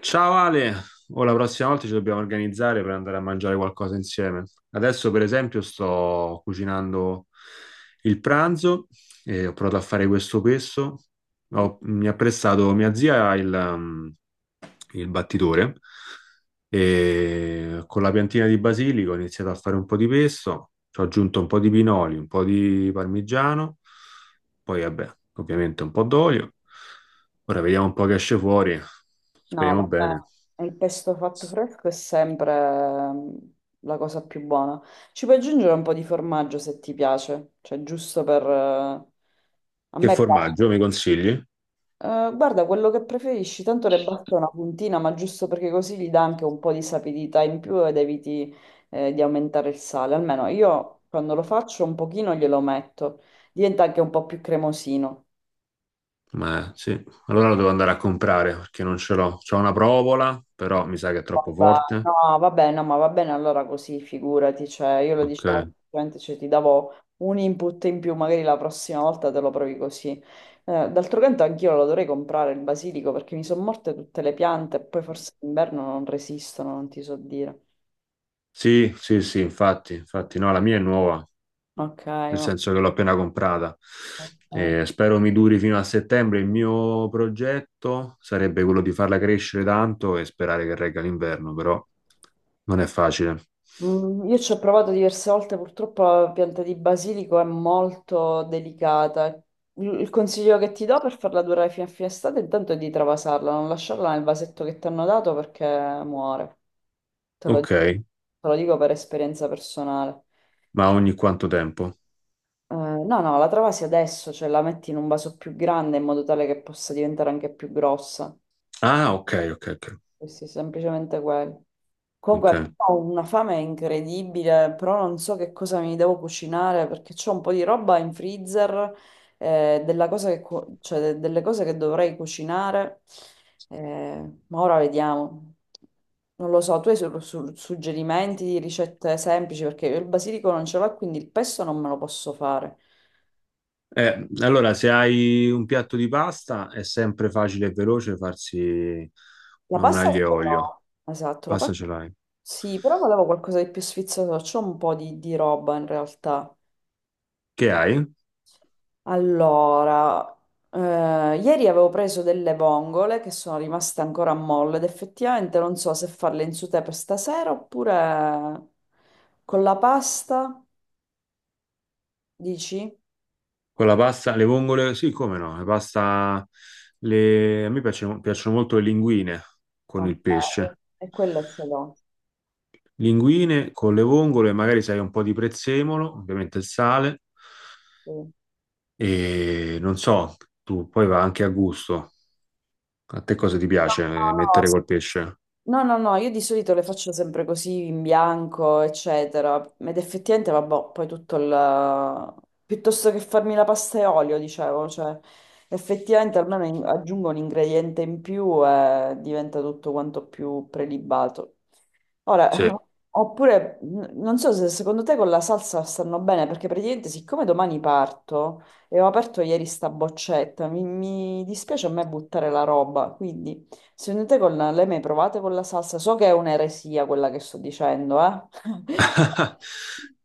Ciao Ale, o la prossima volta ci dobbiamo organizzare per andare a mangiare qualcosa insieme. Adesso, per esempio, sto cucinando il pranzo e ho provato a fare questo pesto. Mi ha prestato mia zia il battitore e con la piantina di basilico ho iniziato a fare un po' di pesto, ci ho aggiunto un po' di pinoli, un po' di parmigiano, poi vabbè, ovviamente un po' d'olio. Ora vediamo un po' che esce fuori, No, speriamo bene. vabbè, il pesto fatto fresco è sempre la cosa più buona. Ci puoi aggiungere un po' di formaggio se ti piace, cioè giusto per... a Che me piace. formaggio mi consigli? Guarda, quello che preferisci, tanto le basta una puntina, ma giusto perché così gli dà anche un po' di sapidità in più ed eviti di aumentare il sale. Almeno io quando lo faccio un pochino glielo metto, diventa anche un po' più cremosino. Ma sì, allora lo devo andare a comprare perché non ce l'ho. C'ho una provola, però mi sa che è troppo forte. No, va bene, no, ma va bene allora così, figurati, cioè io lo dicevo, Ok. semplicemente, cioè, ti davo un input in più, magari la prossima volta te lo provi così. D'altro canto anch'io lo dovrei comprare il basilico perché mi sono morte tutte le piante e poi forse d'inverno non resistono, non ti so dire. Sì, sì, sì, infatti, infatti no, la mia è nuova, Ok, nel senso che l'ho appena comprata. ok. Spero mi duri fino a settembre. Il mio progetto sarebbe quello di farla crescere tanto e sperare che regga l'inverno, però non è facile. Mm, io ci ho provato diverse volte, purtroppo la pianta di basilico è molto delicata. Il consiglio che ti do per farla durare fino a fine estate intanto è di travasarla, non lasciarla nel vasetto che ti hanno dato perché muore. Ok, Te lo dico per esperienza personale. ma ogni quanto tempo? No, no, la travasi adesso, cioè la metti in un vaso più grande in modo tale che possa diventare anche più grossa. Ah, ok, ok, ok. Sì, sì, semplicemente quello. Ok. Comunque ho una fame incredibile, però non so che cosa mi devo cucinare perché c'ho un po' di roba in freezer, della cosa che cioè, delle cose che dovrei cucinare, ma ora vediamo. Non lo so, tu hai suggerimenti di ricette semplici perché io il basilico non ce l'ho, quindi il pesto non me lo posso fare. Allora, se hai un piatto di pasta, è sempre facile e veloce farsi La un pasta aglio e ce olio. l'ho. Esatto, la Pasta pasta ce l'hai. sì, però volevo qualcosa di più sfizioso, c'ho un po' di roba in realtà. Che hai? Allora, eh, ieri avevo preso delle vongole che sono rimaste ancora a molle ed effettivamente non so se farle in sauté per stasera oppure con la pasta, dici? Con la pasta, le vongole, sì, come no, la pasta, a me piacciono, piacciono molto le linguine con Ok, il pesce. e quella se l'ho. Linguine con le vongole, magari sai un po' di prezzemolo, ovviamente il sale, Sì. No, e non so, tu poi va anche a gusto. A te cosa ti no, piace no, mettere col pesce? no, no, no, io di solito le faccio sempre così in bianco, eccetera. Ed effettivamente, vabbè, poi tutto il... piuttosto che farmi la pasta e olio, dicevo, cioè, effettivamente almeno aggiungo un ingrediente in più e diventa tutto quanto più prelibato. Sì. Ora, oppure, non so se secondo te con la salsa stanno bene, perché praticamente siccome domani parto e ho aperto ieri sta boccetta, mi dispiace a me buttare la roba, quindi secondo te con le mai provate con la salsa? So che è un'eresia quella che sto dicendo, eh?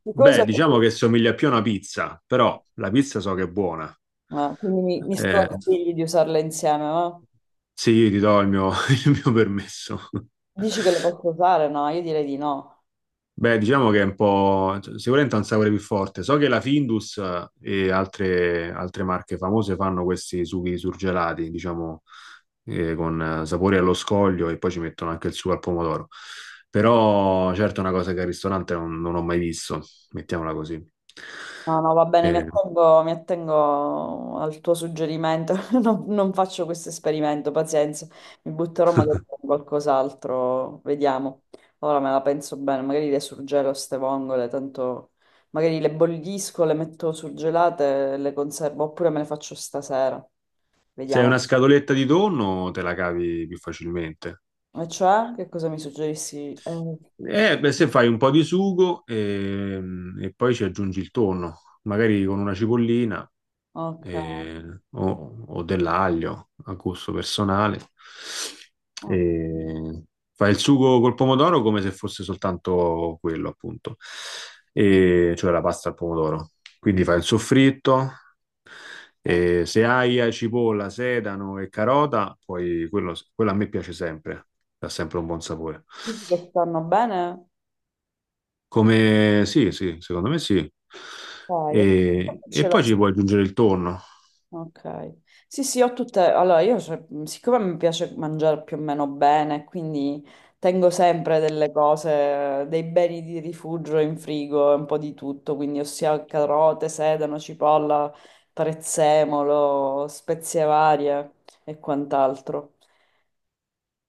Siccome Beh, diciamo so- che somiglia più a una pizza, però la pizza so che è buona. ma quindi mi Eh, sconsigli di usarle insieme, ma sì, io ti do il mio il mio permesso. dici che le posso usare? No, io direi di no. Beh, diciamo che è un po', cioè, sicuramente ha un sapore più forte. So che la Findus e altre marche famose fanno questi sughi surgelati, diciamo, con sapori allo scoglio e poi ci mettono anche il sugo al pomodoro. Però, certo, è una cosa che al ristorante non ho mai visto, mettiamola così. No, no, va bene, Eh, mi attengo al tuo suggerimento. Non faccio questo esperimento, pazienza. Mi butterò magari con qualcos'altro, vediamo. Ora me la penso bene, magari le surgelo ste vongole, tanto magari le bollisco, le metto surgelate, le conservo, oppure me le faccio stasera. se hai una Vediamo. scatoletta di tonno, te la cavi più facilmente. E cioè, che cosa mi suggerissi? Beh, se fai un po' di sugo e poi ci aggiungi il tonno, magari con una cipollina Ok. eh, o dell'aglio a gusto personale. Ok. E fai il sugo col pomodoro come se fosse soltanto quello, appunto, e- cioè la pasta al pomodoro. Quindi fai il soffritto. E se hai cipolla, sedano e carota, poi quello a me piace sempre, dà sempre un buon sapore. Dici che stanno bene? Come sì, sì, secondo me sì. Dai, io E, ce e l'ho. poi ci puoi aggiungere il tonno. Ok. Sì, sì, ho tutte... Allora, io, cioè, siccome mi piace mangiare più o meno bene, quindi tengo sempre delle cose, dei beni di rifugio in frigo, un po' di tutto, quindi ossia carote, sedano, cipolla, prezzemolo, spezie varie e quant'altro.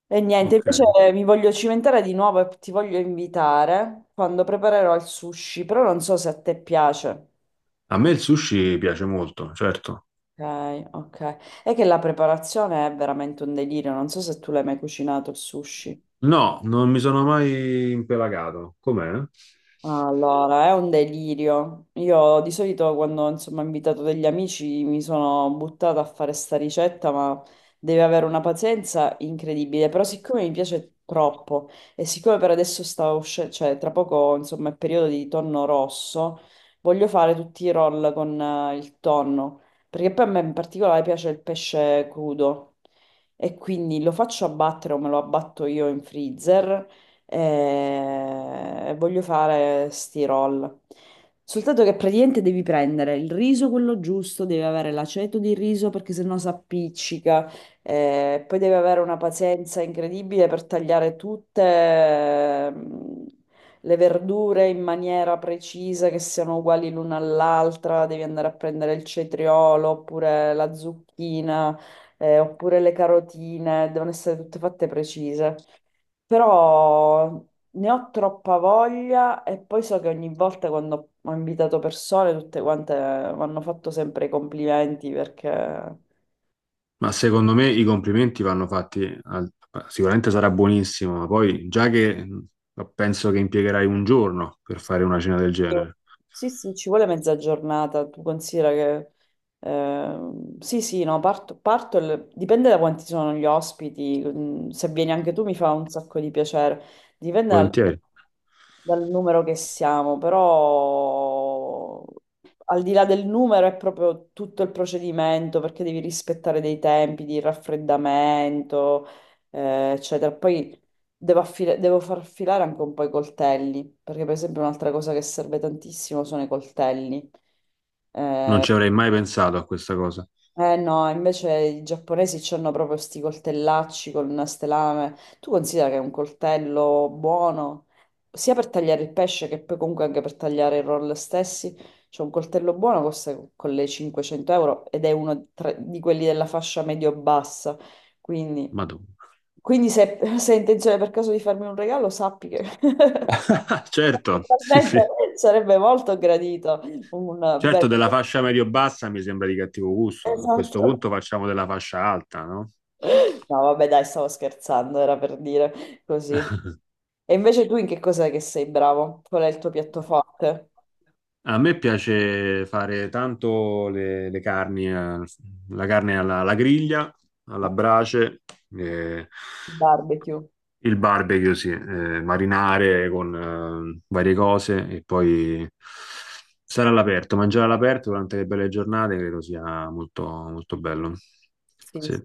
E niente, invece Ok. mi voglio cimentare di nuovo e ti voglio invitare quando preparerò il sushi, però non so se a te piace. A me il sushi piace molto, certo. Ok, ok. È che la preparazione è veramente un delirio, non so se tu l'hai mai cucinato il sushi. No, non mi sono mai impelagato. Com'è? Allora, è un delirio. Io di solito quando insomma ho invitato degli amici mi sono buttata a fare sta ricetta, ma deve avere una pazienza incredibile. Però siccome mi piace troppo e siccome per adesso sta uscendo, cioè tra poco insomma è periodo di tonno rosso, voglio fare tutti i roll con il tonno, perché poi a me in particolare piace il pesce crudo e quindi lo faccio abbattere o me lo abbatto io in freezer e voglio fare sti roll. Soltanto che praticamente devi prendere il riso quello giusto, devi avere l'aceto di riso perché sennò si appiccica, poi devi avere una pazienza incredibile per tagliare tutte le verdure in maniera precisa, che siano uguali l'una all'altra, devi andare a prendere il cetriolo oppure la zucchina, oppure le carotine, devono essere tutte fatte precise. Però ne ho troppa voglia e poi so che ogni volta quando ho invitato persone, tutte quante mi hanno fatto sempre i complimenti perché Ma secondo me i complimenti vanno fatti, al- sicuramente sarà buonissimo, ma poi già che penso che impiegherai un giorno per fare una cena del genere, sì, sì, ci vuole mezza giornata, tu considera che... sì, sì, no, parto, dipende da quanti sono gli ospiti, mm, se vieni anche tu mi fa un sacco di piacere, dipende dal, volentieri. dal numero che siamo, però al di là del numero è proprio tutto il procedimento, perché devi rispettare dei tempi di raffreddamento, eccetera. Poi devo far filare anche un po' i coltelli, perché per esempio un'altra cosa che serve tantissimo sono i coltelli. Non ci avrei mai pensato a questa cosa. Eh no, invece i giapponesi hanno proprio sti coltellacci con queste lame. Tu considera che è un coltello buono, sia per tagliare il pesce che poi comunque anche per tagliare i roll stessi. C'è un coltello buono, costa con le 500 € ed è uno di quelli della fascia medio-bassa. Quindi, Madonna. quindi se, se hai intenzione per caso di farmi un regalo, sappi che... Certo, sì, Totalmente, sì. sarebbe molto gradito un bel... Certo, della fascia medio-bassa mi sembra di cattivo gusto. A questo Esatto. punto facciamo della fascia alta, no? No, vabbè, dai, stavo scherzando, era per dire così. E invece tu in che cosa che sei bravo? Qual è il tuo piatto forte? A me piace fare tanto le carni, la carne alla griglia, alla Ma- brace, eh, barbecue. il barbecue, sì, marinare con varie cose e poi stare all'aperto, mangiare all'aperto durante le belle giornate credo sia molto, molto bello. Sì, Sì. sì.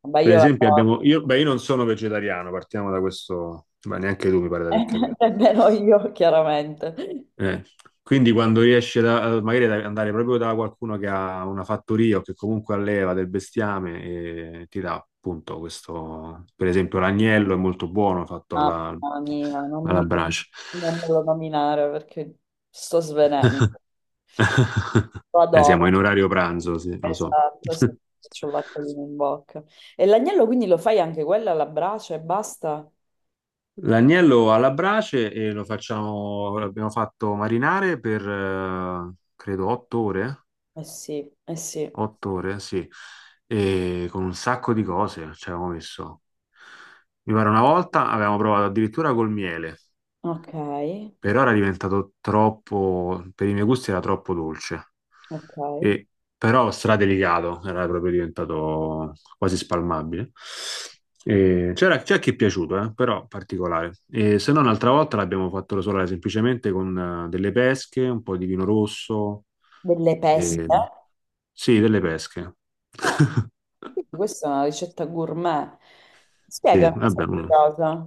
Vabbè, Per io la esempio so. abbiamo, io, beh, io non sono vegetariano, partiamo da questo, beh, neanche tu mi pare di aver capito. Nemmeno io, chiaramente. Eh, quindi quando riesce magari ad andare proprio da qualcuno che ha una fattoria o che comunque alleva del bestiame e ti dà appunto questo, per esempio l'agnello è molto buono fatto alla, Mamma mia, non alla mi... brace. non me lo nominare perché sto svenendo. Lo siamo in adoro. orario pranzo, sì, lo so. Esatto, sì, cioccolatino in bocca. E l'agnello quindi lo fai anche quella alla brace e basta? L'agnello alla brace e lo facciamo, l'abbiamo fatto marinare per credo 8 ore. Eh sì, eh sì. 8 ore, sì, e con un sacco di cose ci avevamo messo. Mi pare una volta avevamo provato addirittura col miele. Ok, Per ora è diventato troppo, per i miei gusti era troppo dolce, ok. e, però stradelicato, era proprio diventato quasi spalmabile. E c'è chi è piaciuto, però particolare. E se no, un'altra volta l'abbiamo fatto rosolare semplicemente con delle pesche, un po' di vino rosso, Delle peste. e- sì, delle pesche. Oh, quindi questa è una ricetta gourmet. Sì, Spiegami vabbè, questa uno. cosa.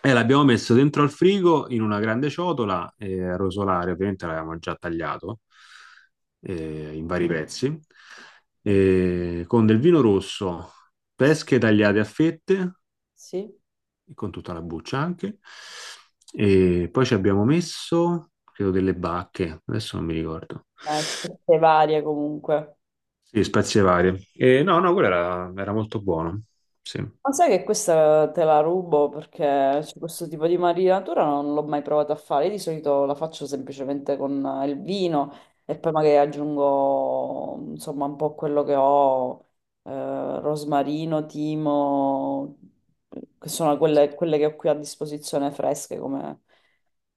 E l'abbiamo messo dentro al frigo in una grande ciotola, a rosolare, ovviamente l'avevamo già tagliato in vari pezzi, con del vino rosso, Sì, pesche tagliate a fette, sì. con tutta la buccia anche, e poi ci abbiamo messo, credo, delle bacche, adesso non mi ricordo. Peste varie comunque. Sì, spezie varie. No, no, quello era molto buono. Sì. Ma sai che questa te la rubo perché cioè, questo tipo di marinatura non l'ho mai provata a fare. Io di solito la faccio semplicemente con il vino e poi magari aggiungo insomma un po' quello che ho, rosmarino, timo, che sono quelle, quelle che ho qui a disposizione fresche come,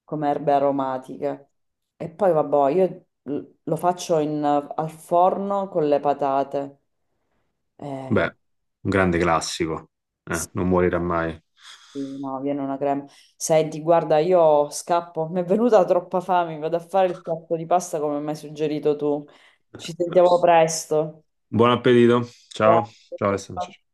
come erbe aromatiche. E poi vabbè, io lo faccio al forno con le patate. Eh, Beh, un grande classico, non morirà mai. Sì, no, viene una crema. Senti, guarda, io scappo. Mi è venuta troppa fame. Vado a fare il piatto di pasta come mi hai suggerito tu. Ci sentiamo presto. Buon appetito. Grazie. Ciao. Ciao Ciao, Alessandro. ciao.